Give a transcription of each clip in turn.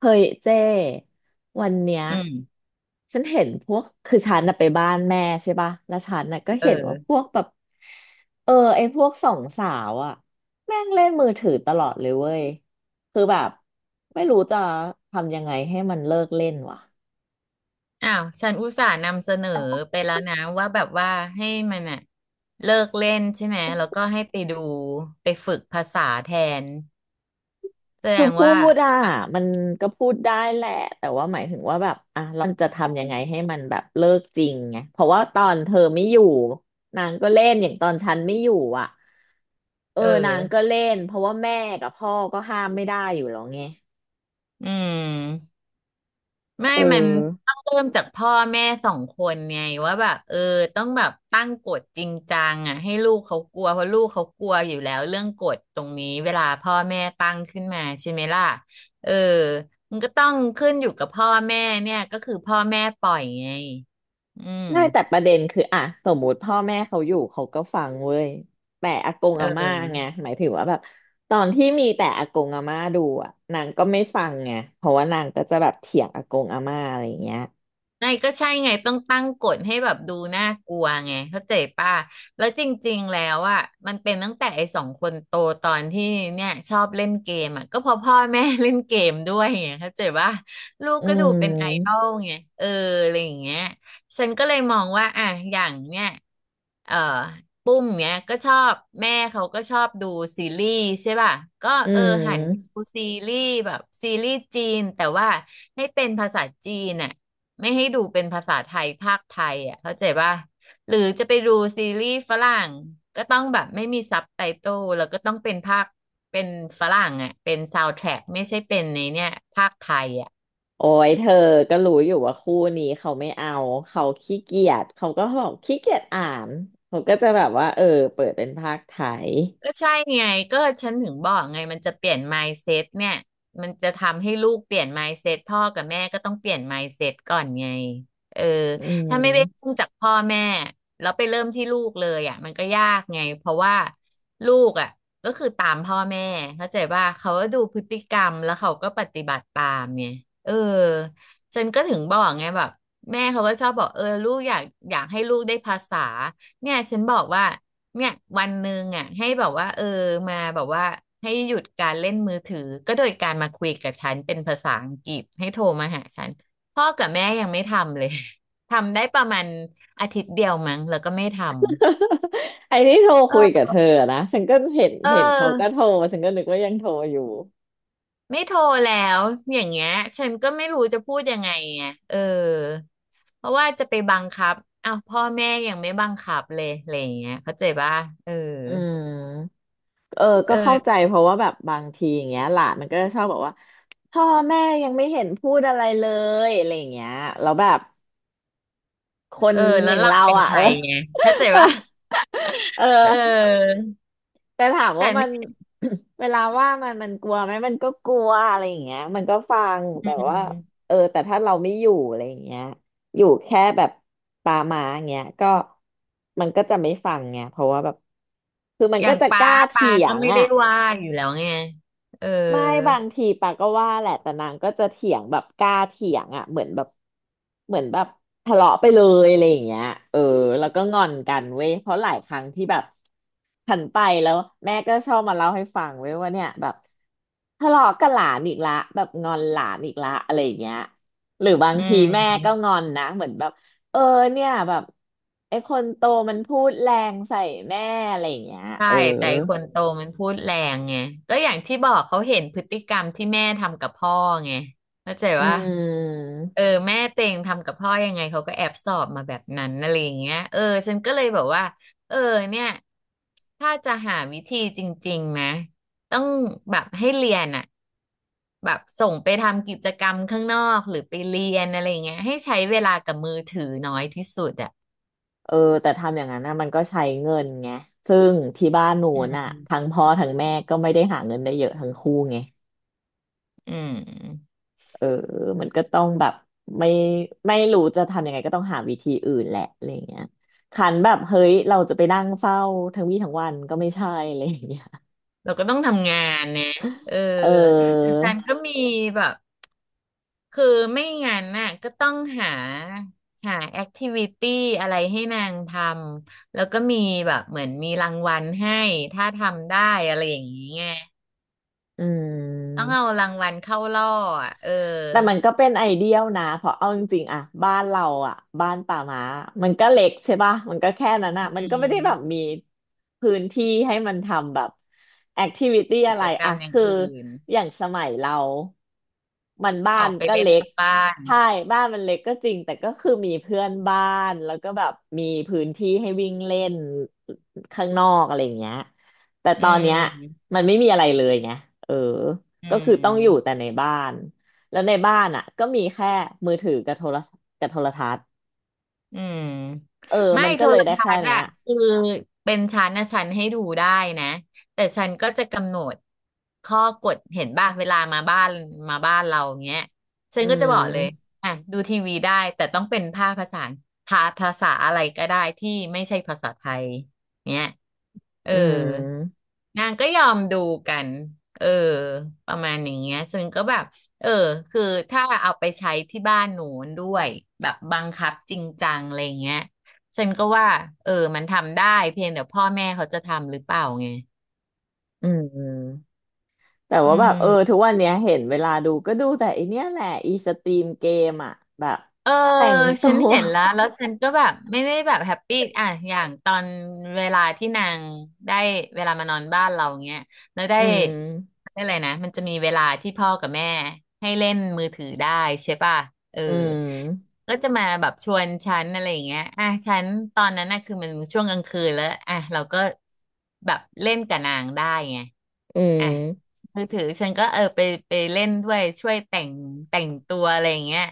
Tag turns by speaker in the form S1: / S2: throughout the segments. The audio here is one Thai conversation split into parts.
S1: เฮ้ยเจ้วันเนี้ย
S2: อืม
S1: ฉันเห็นพวกคือฉันน่ะไปบ้านแม่ใช่ป่ะแล้วฉันน่ะก็
S2: เอ
S1: เห็น
S2: อ
S1: ว่าพวกไอ้พวกสองสาวอะแม่งเล่นมือถือตลอดเลยเว้ยคือแบบไม่รู้จะทำยังไงให้มันเลิกเล่นวะ
S2: อ้าวฉันอุตส่าห์นำเสนอไปแล้วนะว่าแบบว่าให้มันอะเลิกเล่นใช่ไหมแล้วก็ให้ไปดูไปฝึกภาษาแทนแสด
S1: คือ
S2: ง
S1: พู
S2: ว่า
S1: ดอ่ะมันก็พูดได้แหละแต่ว่าหมายถึงว่าแบบอ่ะเราจะทำยังไงให้มันแบบเลิกจริงไงเพราะว่าตอนเธอไม่อยู่นางก็เล่นอย่างตอนฉันไม่อยู่อ่ะ เออ
S2: เอ
S1: นางก็
S2: อ
S1: เล่นเพราะว่าแม่กับพ่อก็ห้ามไม่ได้อยู่แล้วไง
S2: อืม ไม่
S1: เอ
S2: มัน
S1: อ
S2: ต้องเริ่มจากพ่อแม่สองคนไงว่าแบบเออต้องแบบตั้งกฎจริงจังอ่ะให้ลูกเขากลัวเพราะลูกเขากลัวอยู่แล้วเรื่องกฎตรงนี้เวลาพ่อแม่ตั้งขึ้นมาใช่ไหมล่ะเออมันก็ต้องขึ้นอยู่กับพ่อแม่เนี่ยก็คือพ่อแม่ปล่อยไงอืม
S1: ได้แต่ประเด็นคืออ่ะสมมุติพ่อแม่เขาอยู่เขาก็ฟังเว้ยแต่อากง
S2: เ
S1: อาม่า
S2: ออ
S1: ไงหมายถึงว่าแบบตอนที่มีแต่อากงอาม่าดูอ่ะนางก็ไม่ฟังไงเพราะว่านางก็จะแบบเถียงอากงอาม่าอะไรอย่างเงี้ย
S2: ไงก็ใช่ไงต้องตั้งกฎให้แบบดูน่ากลัวไงเข้าใจป่ะแล้วจริงๆแล้วอ่ะมันเป็นตั้งแต่ไอ้สองคนโตตอนที่เนี่ยชอบเล่นเกมอ่ะก็เพอพ่อแม่เล่นเกมด้วยไงเข้าใจป่ะลูก
S1: อื
S2: ก็ดูเป็นไอดอ
S1: ม
S2: ลไงเอออะไรอย่างเงี้ยฉันก็เลยมองว่าอ่ะอย่างเนี่ยเอ่อปุ้มเนี้ยก็ชอบแม่เขาก็ชอบดูซีรีส์ใช่ป่ะก็
S1: อื
S2: เออหันไป
S1: ม
S2: ดูซีรีส์แบบซีรีส์จีนแต่ว่าให้เป็นภาษาจีนอ่ะ ไม่ให้ดูเป็นภาษาไทยภาคไทยอ่ะเข้าใจป่ะหรือจะไปดูซีรีส์ฝรั่งก็ต้องแบบไม่มีซับไตเติลแล้วก็ต้องเป็นภาคเป็นฝรั่งอ่ะเป็นซาวด์แทร็กไม่ใช่เป็นในเนี่ยภาคไทยอ่ะ
S1: โอ้ยเธอก็รู้อยู่ว่าคู่นี้เขาไม่เอาเขาขี้เกียจเขาก็บอกขี้เกียจอ่านเขาก็จะแบบว่าเออเปิดเป็นภาคไทย
S2: ก็ใช่ไงก็ฉันถึงบอกไงมันจะเปลี่ยน mindset เนี่ยมันจะทำให้ลูกเปลี่ยน mindset พ่อกับแม่ก็ต้องเปลี่ยน mindset ก่อนไงเออ
S1: อื
S2: ถ้าไม่ได้
S1: ม
S2: เริ่มจากพ่อแม่แล้วไปเริ่มที่ลูกเลยอ่ะมันก็ยากไงเพราะว่าลูกอ่ะก็คือตามพ่อแม่เข้าใจว่าเขาก็ดูพฤติกรรมแล้วเขาก็ปฏิบัติตามไงเออฉันก็ถึงบอกไงแบบแม่เขาก็ชอบบอกเออลูกอยากอยากให้ลูกได้ภาษาเนี่ยฉันบอกว่า เนี่ยวันหนึ่งอ่ะให้แบบว่าเออมาแบบว่าให้หยุดการเล่นมือถือก็โดยการมาคุยกับฉันเป็นภาษาอังกฤษให้โทรมาหาฉันพ่อกับแม่ยังไม่ทำเลย ทำได้ประมาณอาทิตย์เดียวมั้งแล้วก็ไม่ทำ
S1: ไอ้ที่โทรคุยกั
S2: เออ
S1: บเธอนะฉันก็เห็น
S2: เ
S1: เห็นเขาก็
S2: ออ
S1: โทรฉันก็นึกว่ายังโทรอยู่
S2: ไม่โทรแล้วอย่างเงี้ยฉันก็ไม่รู้จะพูดยังไงไงเออเพราะว่าจะไปบังคับอ้าวพ่อแม่ยังไม่บังคับเลยอะไรอย่างเงี้ยเข้าใจป่ะเออ
S1: อืมเออก็
S2: เอ
S1: เข้าใจ
S2: อ
S1: เพราะว่าแบบบางทีอย่างเงี้ยหลานมันก็จะชอบบอกว่าพ่อแม่ยังไม่เห็นพูดอะไรเลยอะไรอย่างเงี้ยแล้วแบบคน
S2: เออ
S1: อ
S2: แล้ว
S1: ย่าง
S2: เรา
S1: เรา
S2: เป็น
S1: อ่ะ
S2: ใคร
S1: เออ
S2: ไงเข้าใจป่ะ
S1: เออ
S2: เออ
S1: แต่ถาม
S2: แต่
S1: ว่ามั
S2: ไม่
S1: น เวลาว่ามันกลัวไหมมันก็กลัวอะไรอย่างเงี้ยมันก็ฟัง
S2: อื
S1: แต่ว่า
S2: ม
S1: เออแต่ถ้าเราไม่อยู่อะไรอย่างเงี้ยอยู่แค่แบบตามาอย่างเงี้ยก็มันก็จะไม่ฟังไงเพราะว่าแบบคือมัน
S2: อ
S1: ก็
S2: ย่าง
S1: จะก
S2: ป้า
S1: ล้า
S2: ป้า
S1: เถีย
S2: ก็
S1: ง
S2: ไม่ได้
S1: อ่ะ
S2: ว่าอยู่แล้วไงเออ
S1: ไม่บางทีปาก็ว่าแหละแต่นางก็จะเถียงแบบกล้าเถียงอ่ะเหมือนแบบทะเลาะไปเลยอะไรอย่างเงี้ยเออแล้วก็งอนกันเว้ยเพราะหลายครั้งที่แบบฉันไปแล้วแม่ก็ชอบมาเล่าให้ฟังเว้ยว่าเนี่ยแบบทะเลาะกับหลานอีกละแบบงอนหลานอีกละอะไรอย่างเงี้ยหรือบาง
S2: อื
S1: ทีแม่
S2: ม
S1: ก็งอนนะเหมือนแบบเออเนี่ยแบบไอ้คนโตมันพูดแรงใส่แม่อะไรอย่างเงี้ย
S2: ใช่
S1: เออ
S2: แต่ไอ้คนโตมันพูดแรงไงก็อย่างที่บอกเขาเห็นพฤติกรรมที่แม่ทำกับพ่อไงเข้าใจ
S1: อื
S2: ว่าเออ
S1: ม
S2: แม่เต็งทำกับพ่อยังไงเขาก็แอบสอบมาแบบนั้นอะไรอย่างเงี้ยเออฉันก็เลยบอกว่าเออเนี่ยถ้าจะหาวิธีจริงๆนะต้องแบบให้เรียนอ่ะ แบบส่งไปทำกิจกรรมข้างนอกหรือไปเรียนอะไรอย่างเงี้ยให้ใช้เวลากับมือถือน้อยที่สุดอ่ะ
S1: เออแต่ทำอย่างนั้นนะมันก็ใช้เงินไงซึ่งที่บ้านหนู
S2: อื
S1: น่ะ
S2: ม
S1: ทั้งพ่อทั้งแม่ก็ไม่ได้หาเงินได้เยอะทั้งคู่ไง
S2: อืม
S1: เออมันก็ต้องแบบไม่ไม่รู้จะทำยังไงก็ต้องหาวิธีอื่นแหละอะไรอย่างเงี้ยขันแบบเฮ้ยเราจะไปนั่งเฝ้าทั้งวี่ทั้งวันก็ไม่ใช่อะไรอย่างเงี้ย
S2: เราก็ต้องทำงานนะเออ
S1: เอ
S2: แต่
S1: อ
S2: แฟนก็มีแบบคือไม่งั้นน่ะก็ต้องหาแอคทิวิตี้อะไรให้นางทำแล้วก็มีแบบเหมือนมีรางวัลให้ถ้าทำได้อะไรอย่างนี้ไง
S1: อื
S2: ต้องเอา
S1: ม
S2: รางวัลเข้าล่ออ่ะเออ
S1: แต่มันก็เป็นไอเดียลนะเพราะเอาจริงๆอะบ้านเราอะบ้านป่าม้ามันก็เล็กใช่ป่ะมันก็แค่นั้น
S2: อื
S1: อะมันก็ไม่ได้แบบ
S2: ม
S1: มีพื้นที่ให้มันทำแบบแอคทิวิตี้
S2: กิ
S1: อะไร
S2: จกร
S1: อะ
S2: รมอย่าง
S1: คือ
S2: อื่น
S1: อย่างสมัยเรามันบ้า
S2: ออ
S1: น
S2: กไป
S1: ก็
S2: เล่น
S1: เล็
S2: น
S1: ก
S2: อกบ้าน
S1: ใช่บ้านมันเล็กก็จริงแต่ก็คือมีเพื่อนบ้านแล้วก็แบบมีพื้นที่ให้วิ่งเล่นข้างนอกอะไรอย่างเงี้ยแต่
S2: อื
S1: ตอนเนี้ย
S2: ม
S1: มันไม่มีอะไรเลยไงเออ
S2: อื
S1: ก็คือต้องอยู่
S2: ม
S1: แต่ในบ้าน แล้วในบ้านอ่ะก็มีแค่มือถือกับโทรกับโทรทัศน์
S2: อืม
S1: เออ
S2: ไม่
S1: มัน
S2: โท
S1: ก็เล
S2: ร
S1: ยได้
S2: ทั
S1: แค่
S2: ศน์
S1: เนี้ย
S2: อะคือเป็นชั้นนะชั้นให้ดูได้นะแต่ชั้นก็จะกำหนดข้อกฎเห็นบ้างเวลามาบ้านเราเงี้ยฉั
S1: อื
S2: นก็จะบอกเลย
S1: ม
S2: อ่ะดูทีวีได้แต่ต้องเป็นภาคภาษาภาภาษาอะไรก็ได้ที่ไม่ใช่ภาษาไทยเนี้ยเอ
S1: อื
S2: อ
S1: ม
S2: นางก็ยอมดูกันเออประมาณอย่างเงี้ยซึ่งก็แบบ เออคือถ้าเอาไปใช้ที่บ้านหนูด้วยแบบบังคับจริงจังอะไรเงี้ยฉันก็ว่าเออมันทำได้เพียงแต่พ่อแม่เขาจะทำหรือเปล่าไง
S1: อืมแต่
S2: อื
S1: ว่าแบ
S2: ม
S1: บเออทุกวันเนี้ยเห็นเวลาดูก็ดูแต่อีเนี้ยแหละอีสตรีมเกมอ่ะแบบ
S2: เออ
S1: แต่งตั
S2: ฉัน
S1: ว
S2: เห็นแล้วแล้วฉันก็แบบไม่ได้แบบแฮปปี้อ่ะอย่างตอนเวลาที่นางได้เวลามานอนบ้านเราเงี้ยแล้วได้
S1: อืม
S2: ได้อะไรนะมันจะมีเวลาที่พ่อกับแม่ให้เล่นมือถือได้ใช่ป่ะเออ
S1: อืม
S2: ก็จะมาแบบชวนฉันอะไรอย่างเงี้ยอ่ะฉันตอนนั้นน่ะคือมันช่วงกลางคืนแล้วอ่ะเราก็แบบเล่นกับนางได้ไง
S1: อื
S2: อ่ะ
S1: ม
S2: มือถือฉันก็เออไปเล่นด้วยช่วยแต่งตัวอะไรอย่างเงี้ย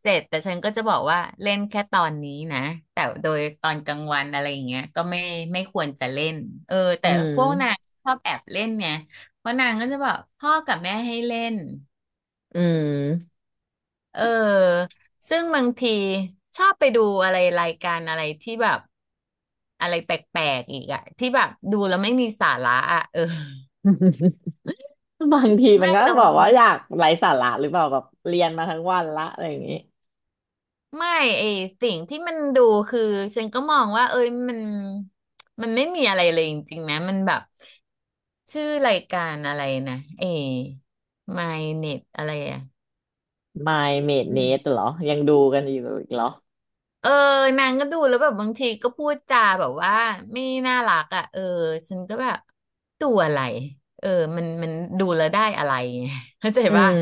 S2: เสร็จแต่ฉันก็จะบอกว่าเล่นแค่ตอนนี้นะแต่โดยตอนกลางวันอะไรอย่างเงี้ยก็ไม่ควรจะเล่นเออ
S1: อื
S2: แต่
S1: ม
S2: พวกนางชอบแอบเล่นเนี่ยเพราะนางก็จะบอกพ่อกับแม่ให้เล่น
S1: อืม
S2: เออซึ่งบางทีชอบไปดูอะไรรายการอะไรที่แบบอะไรแปลกๆอีกอะที่แบบดูแล้วไม่มีสาระอะเออ
S1: บางทีมั
S2: ไม่
S1: นก็
S2: เรา
S1: บอกว่าอยากไร้สาระหรือเปล่าแบบเรียนมาทั้งวันละอะไรอย่างงี้
S2: ไม่ไอสิ่งที่มันดูคือฉันก็มองว่าเอ้ยมันไม่มีอะไรเลยจริงๆนะ มันแบบชื่อรายการอะไรนะ My Net อะไรอะ
S1: My Maid Nate
S2: ใช่
S1: เหรอยังดูกันอยู่อีกเหรอ
S2: เออนางก็ดูแล้วแบบบางทีก็พูดจาแบบว่าไม่น่ารักอ่ะเออฉันก็แบบตัวอะไรเออมันดูแล้วได้อะไรไง เข้าใจ
S1: อื
S2: ป่ะ
S1: ม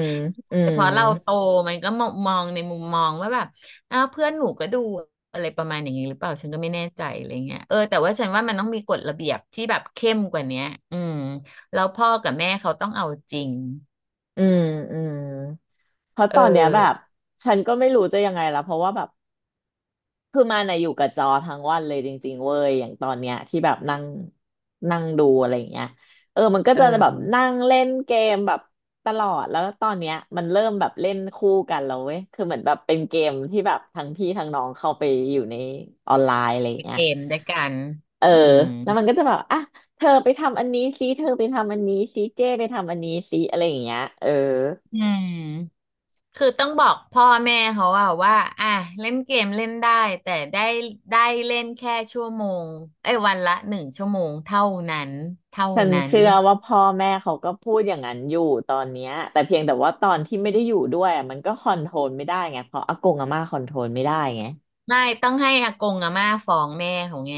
S1: อื
S2: แต่
S1: ม
S2: พอเราโตมันก็มองในมุมมองว่าแบบอ้าวเพื่อนหนูก็ดูอะไรประมาณอย่างนี้หรือเปล่าฉันก็ไม่แน่ใจอะไรเงี้ยเออแต่ว่าฉันว่ามันต้องมีกฎระเบียบที่แบบเข้มกว่าเนี้ยอืมแล้วพ่อกับแม่เขาต้องเอาจริง
S1: อืมอืมเพราะ
S2: เอ
S1: ตอนเนี้ยแบบ
S2: อ
S1: ฉันก็ไม่รู้จะยังไงละเพราะว่าแบบคือมาในะอยู่กับจอทั้งวันเลยจริงๆเว้ยอย่างตอนเนี้ยที่แบบนั่งนั่งดูอะไรอย่างเงี้ยเออมันก็
S2: เอ
S1: จะแบบ
S2: อ
S1: นั่งเล่นเกมแบบตลอดแล้วตอนเนี้ยมันเริ่มแบบเล่นคู่กันแล้วเว้ยคือเหมือนแบบเป็นเกมที่แบบทั้งพี่ทั้งน้องเข้าไปอยู่ในออนไลน์อะไรอย่างเงี้
S2: เก
S1: ย
S2: มด้วยกัน
S1: เออ
S2: อืม
S1: แล้วมันก็จะแบบอ่ะเธอไปทำอันนี้ซิเธอไปทำอันนี้ซิเจ้ไปทำอันนี้ซิอะไรอย่างเงี้ยเออ
S2: อืม คือต้องบอกพ่อแม่เขาว่าอ่ะเล่นเกมเล่นได้แต่ได้เล่นแค่ชั่วโมงเอ้ยวันละ1 ชั่วโมงนั้นเท่า
S1: ฉัน
S2: นั้น
S1: เชื่อว่าพ่อแม่เขาก็พูดอย่างนั้นอยู่ตอนเนี้ยแต่เพียงแต่ว่าตอนที่ไม่ได้อยู่ด้วยอะมันก็คอนโทรลไม่ได้ไงเพราะอากงอาม่าคอนโทรลไม่ได้ไง
S2: ไม่ต้องให้อากงอาม่าฟ้องแม่เขาไง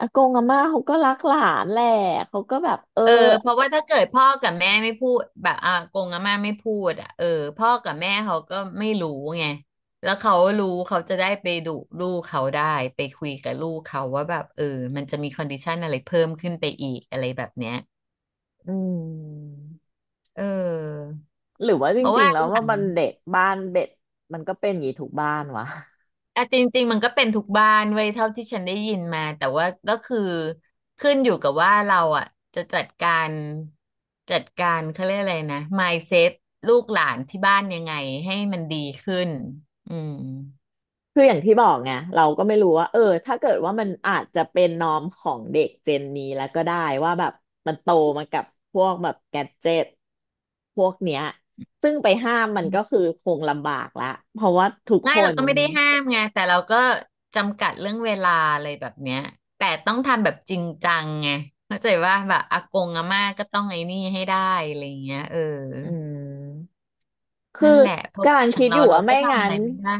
S1: อากงอาม่าเขาก็รักหลานแหละเขาก็แบบเออ
S2: เออเพราะว่าถ้าเกิดพ่อกับแม่ไม่พูดแบบอากงอาม่าไม่พูดอ่ะเออพ่อกับแม่เขาก็ไม่รู้ไงแล้วเขารู้เขาจะได้ไปดุลูกเขาได้ไปคุยกับลูกเขาว่าแบบเออมันจะมีคอนดิชันอะไรเพิ่มขึ้นไปอีกอะไรแบบเนี้ย
S1: อืม
S2: เออ
S1: หรือว่าจ
S2: เพราะ
S1: ริง
S2: ว่า
S1: ๆแล้ว
S2: อย่า
S1: ว่า
S2: ง
S1: มันเด็กบ้านเด็กมันก็เป็นอย่างนี้ทุกบ้านวะ
S2: อ่ะจริงๆมันก็เป็นทุกบ้านไว้ยเท่าที่ฉันได้ยินมาแต่ว่าก็คือขึ้นอยู่กับว่าเราอ่ะจะจัดการเขาเรียกอะไรนะ mindset ลูกหลานที่บ้านยังไงให้มันดีขึ้นอืม
S1: คืออย่างที่บอกไงเราก็ไม่รู้ว่าถ้าเกิดว่ามันอาจจะเป็นนอมของเด็กเจนนี้แล้วก็ได้ว่าแบบมันโตมากับพวกแบบแกดเจ็ตพวกเนี้ยซึ่งไปห้ามมันก็คือคงลำบากละเพราะว่าทุก
S2: ง่า
S1: ค
S2: ยเรา
S1: น
S2: ก็ไม่
S1: มัน
S2: ได้ห้ามไงแต่เราก็จำกัดเรื่องเวลาอะไรแบบเนี้ยแต่ต้องทำแบบจริงจังไงเข้าใจว่าแบบอากงอาม่าก็ต้องไอ้นี่ให้ได้อะไรอย่างเงี้ยเออ
S1: อืม
S2: นั่
S1: คื
S2: น
S1: อ
S2: แหละเพราะว่า
S1: การ
S2: อย่าง
S1: คิดอ
S2: เรา
S1: ยู่
S2: เรา
S1: ว่า
S2: ก็
S1: ไม่
S2: ทำอะ
S1: งั้
S2: ไร
S1: น
S2: ไม่ได้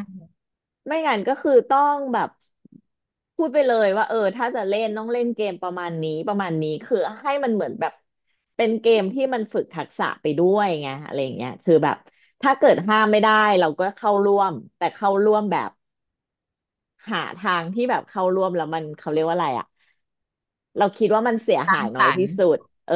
S1: ไม่งั้นก็คือต้องแบบพูดไปเลยว่าถ้าจะเล่นต้องเล่นเกมประมาณนี้ประมาณนี้คือให้มันเหมือนแบบเป็นเกมที่มันฝึกทักษะไปด้วยไงอะไรอย่างเงี้ยคือแบบถ้าเกิดห้ามไม่ได้เราก็เข้าร่วมแต่เข้าร่วมแบบหาทางที่แบบเข้าร่วมแล้วมันเขาเรียกว่าอะไรอะ เราคิดว่ามันเสียหายน้
S2: ฝั
S1: อย
S2: น
S1: ที่สุดเออ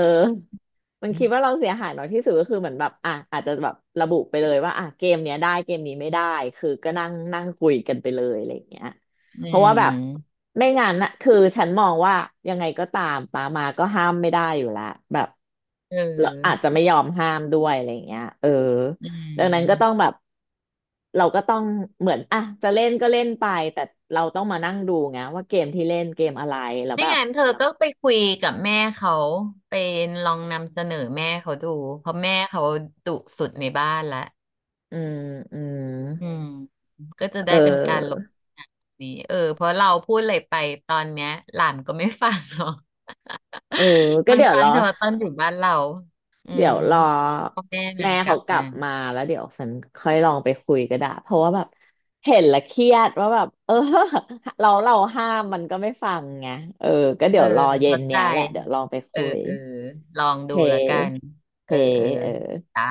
S1: มัน
S2: อื
S1: คิดว่าเราเสียหายน้อยที่สุดก็คือเหมือนแบบอ่ะอาจจะแบบระบุไปเลยว่าอ่ะเกมเนี้ยได้เกมนี้ไม่ได้คือก็นั่งนั่งคุยกันไปเลยอะไรอย่างเงี้ยเพราะว่าแบบ
S2: ม
S1: ไม่งั้นน่ะคือฉันมองว่ายังไงก็ตามป้ามาก็ห้ามไม่ได้อยู่แล้วแบบ
S2: เ
S1: เราอาจ
S2: ออ
S1: จะไม่ยอมห้ามด้วยอะไรอย่างเงี้ยเออ
S2: อื
S1: ดังนั้นก็ต้อง
S2: ม
S1: แบบเราก็ต้องเหมือนอ่ะจะเล่นก็เล่นไปแต่เราต้องมานั่งดูไงว่าเกมที่เล่นเกมอะไรแล้ว
S2: ไม่
S1: แบบ
S2: งั้นเธอก็ไปคุยกับแม่เขาไปลองนำเสนอแม่เขาดู เพราะแม่เขาดุสุดในบ้านละ
S1: อืมอืม
S2: อืมก็จะ
S1: เ
S2: ได้เป็นการลบ
S1: ออ
S2: นี้เออเพราะเราพูดอะไรไปตอนเนี้ยหลานก็ไม่ฟังหรอก
S1: เออ ก็
S2: มัน
S1: เดี๋ยว
S2: ฟั
S1: ร
S2: ง
S1: อ
S2: เฉพาะตอนอยู่บ้านเราอื
S1: เดี๋ย
S2: ม
S1: วรอ
S2: พ่อแม่นา
S1: แม่
S2: งกลั
S1: เขา
S2: บ
S1: กลั
S2: มา
S1: บมาแล้วเดี๋ยวฉันค่อยลองไปคุยก็ได้เพราะว่าแบบเห็นและเครียดว่าแบบเออ เราห้ามมันก็ไม่ฟังไงเออก็
S2: เอ
S1: เดี๋ย
S2: อ
S1: วรอเย็น
S2: เข้าใจ
S1: เนี้ยแหละเดี๋ยวลองไป
S2: เออ
S1: คุย
S2: เออลอง
S1: โอเค
S2: ดูและกัน
S1: โอ
S2: เอ
S1: เค
S2: อเออ
S1: เออ
S2: จ้า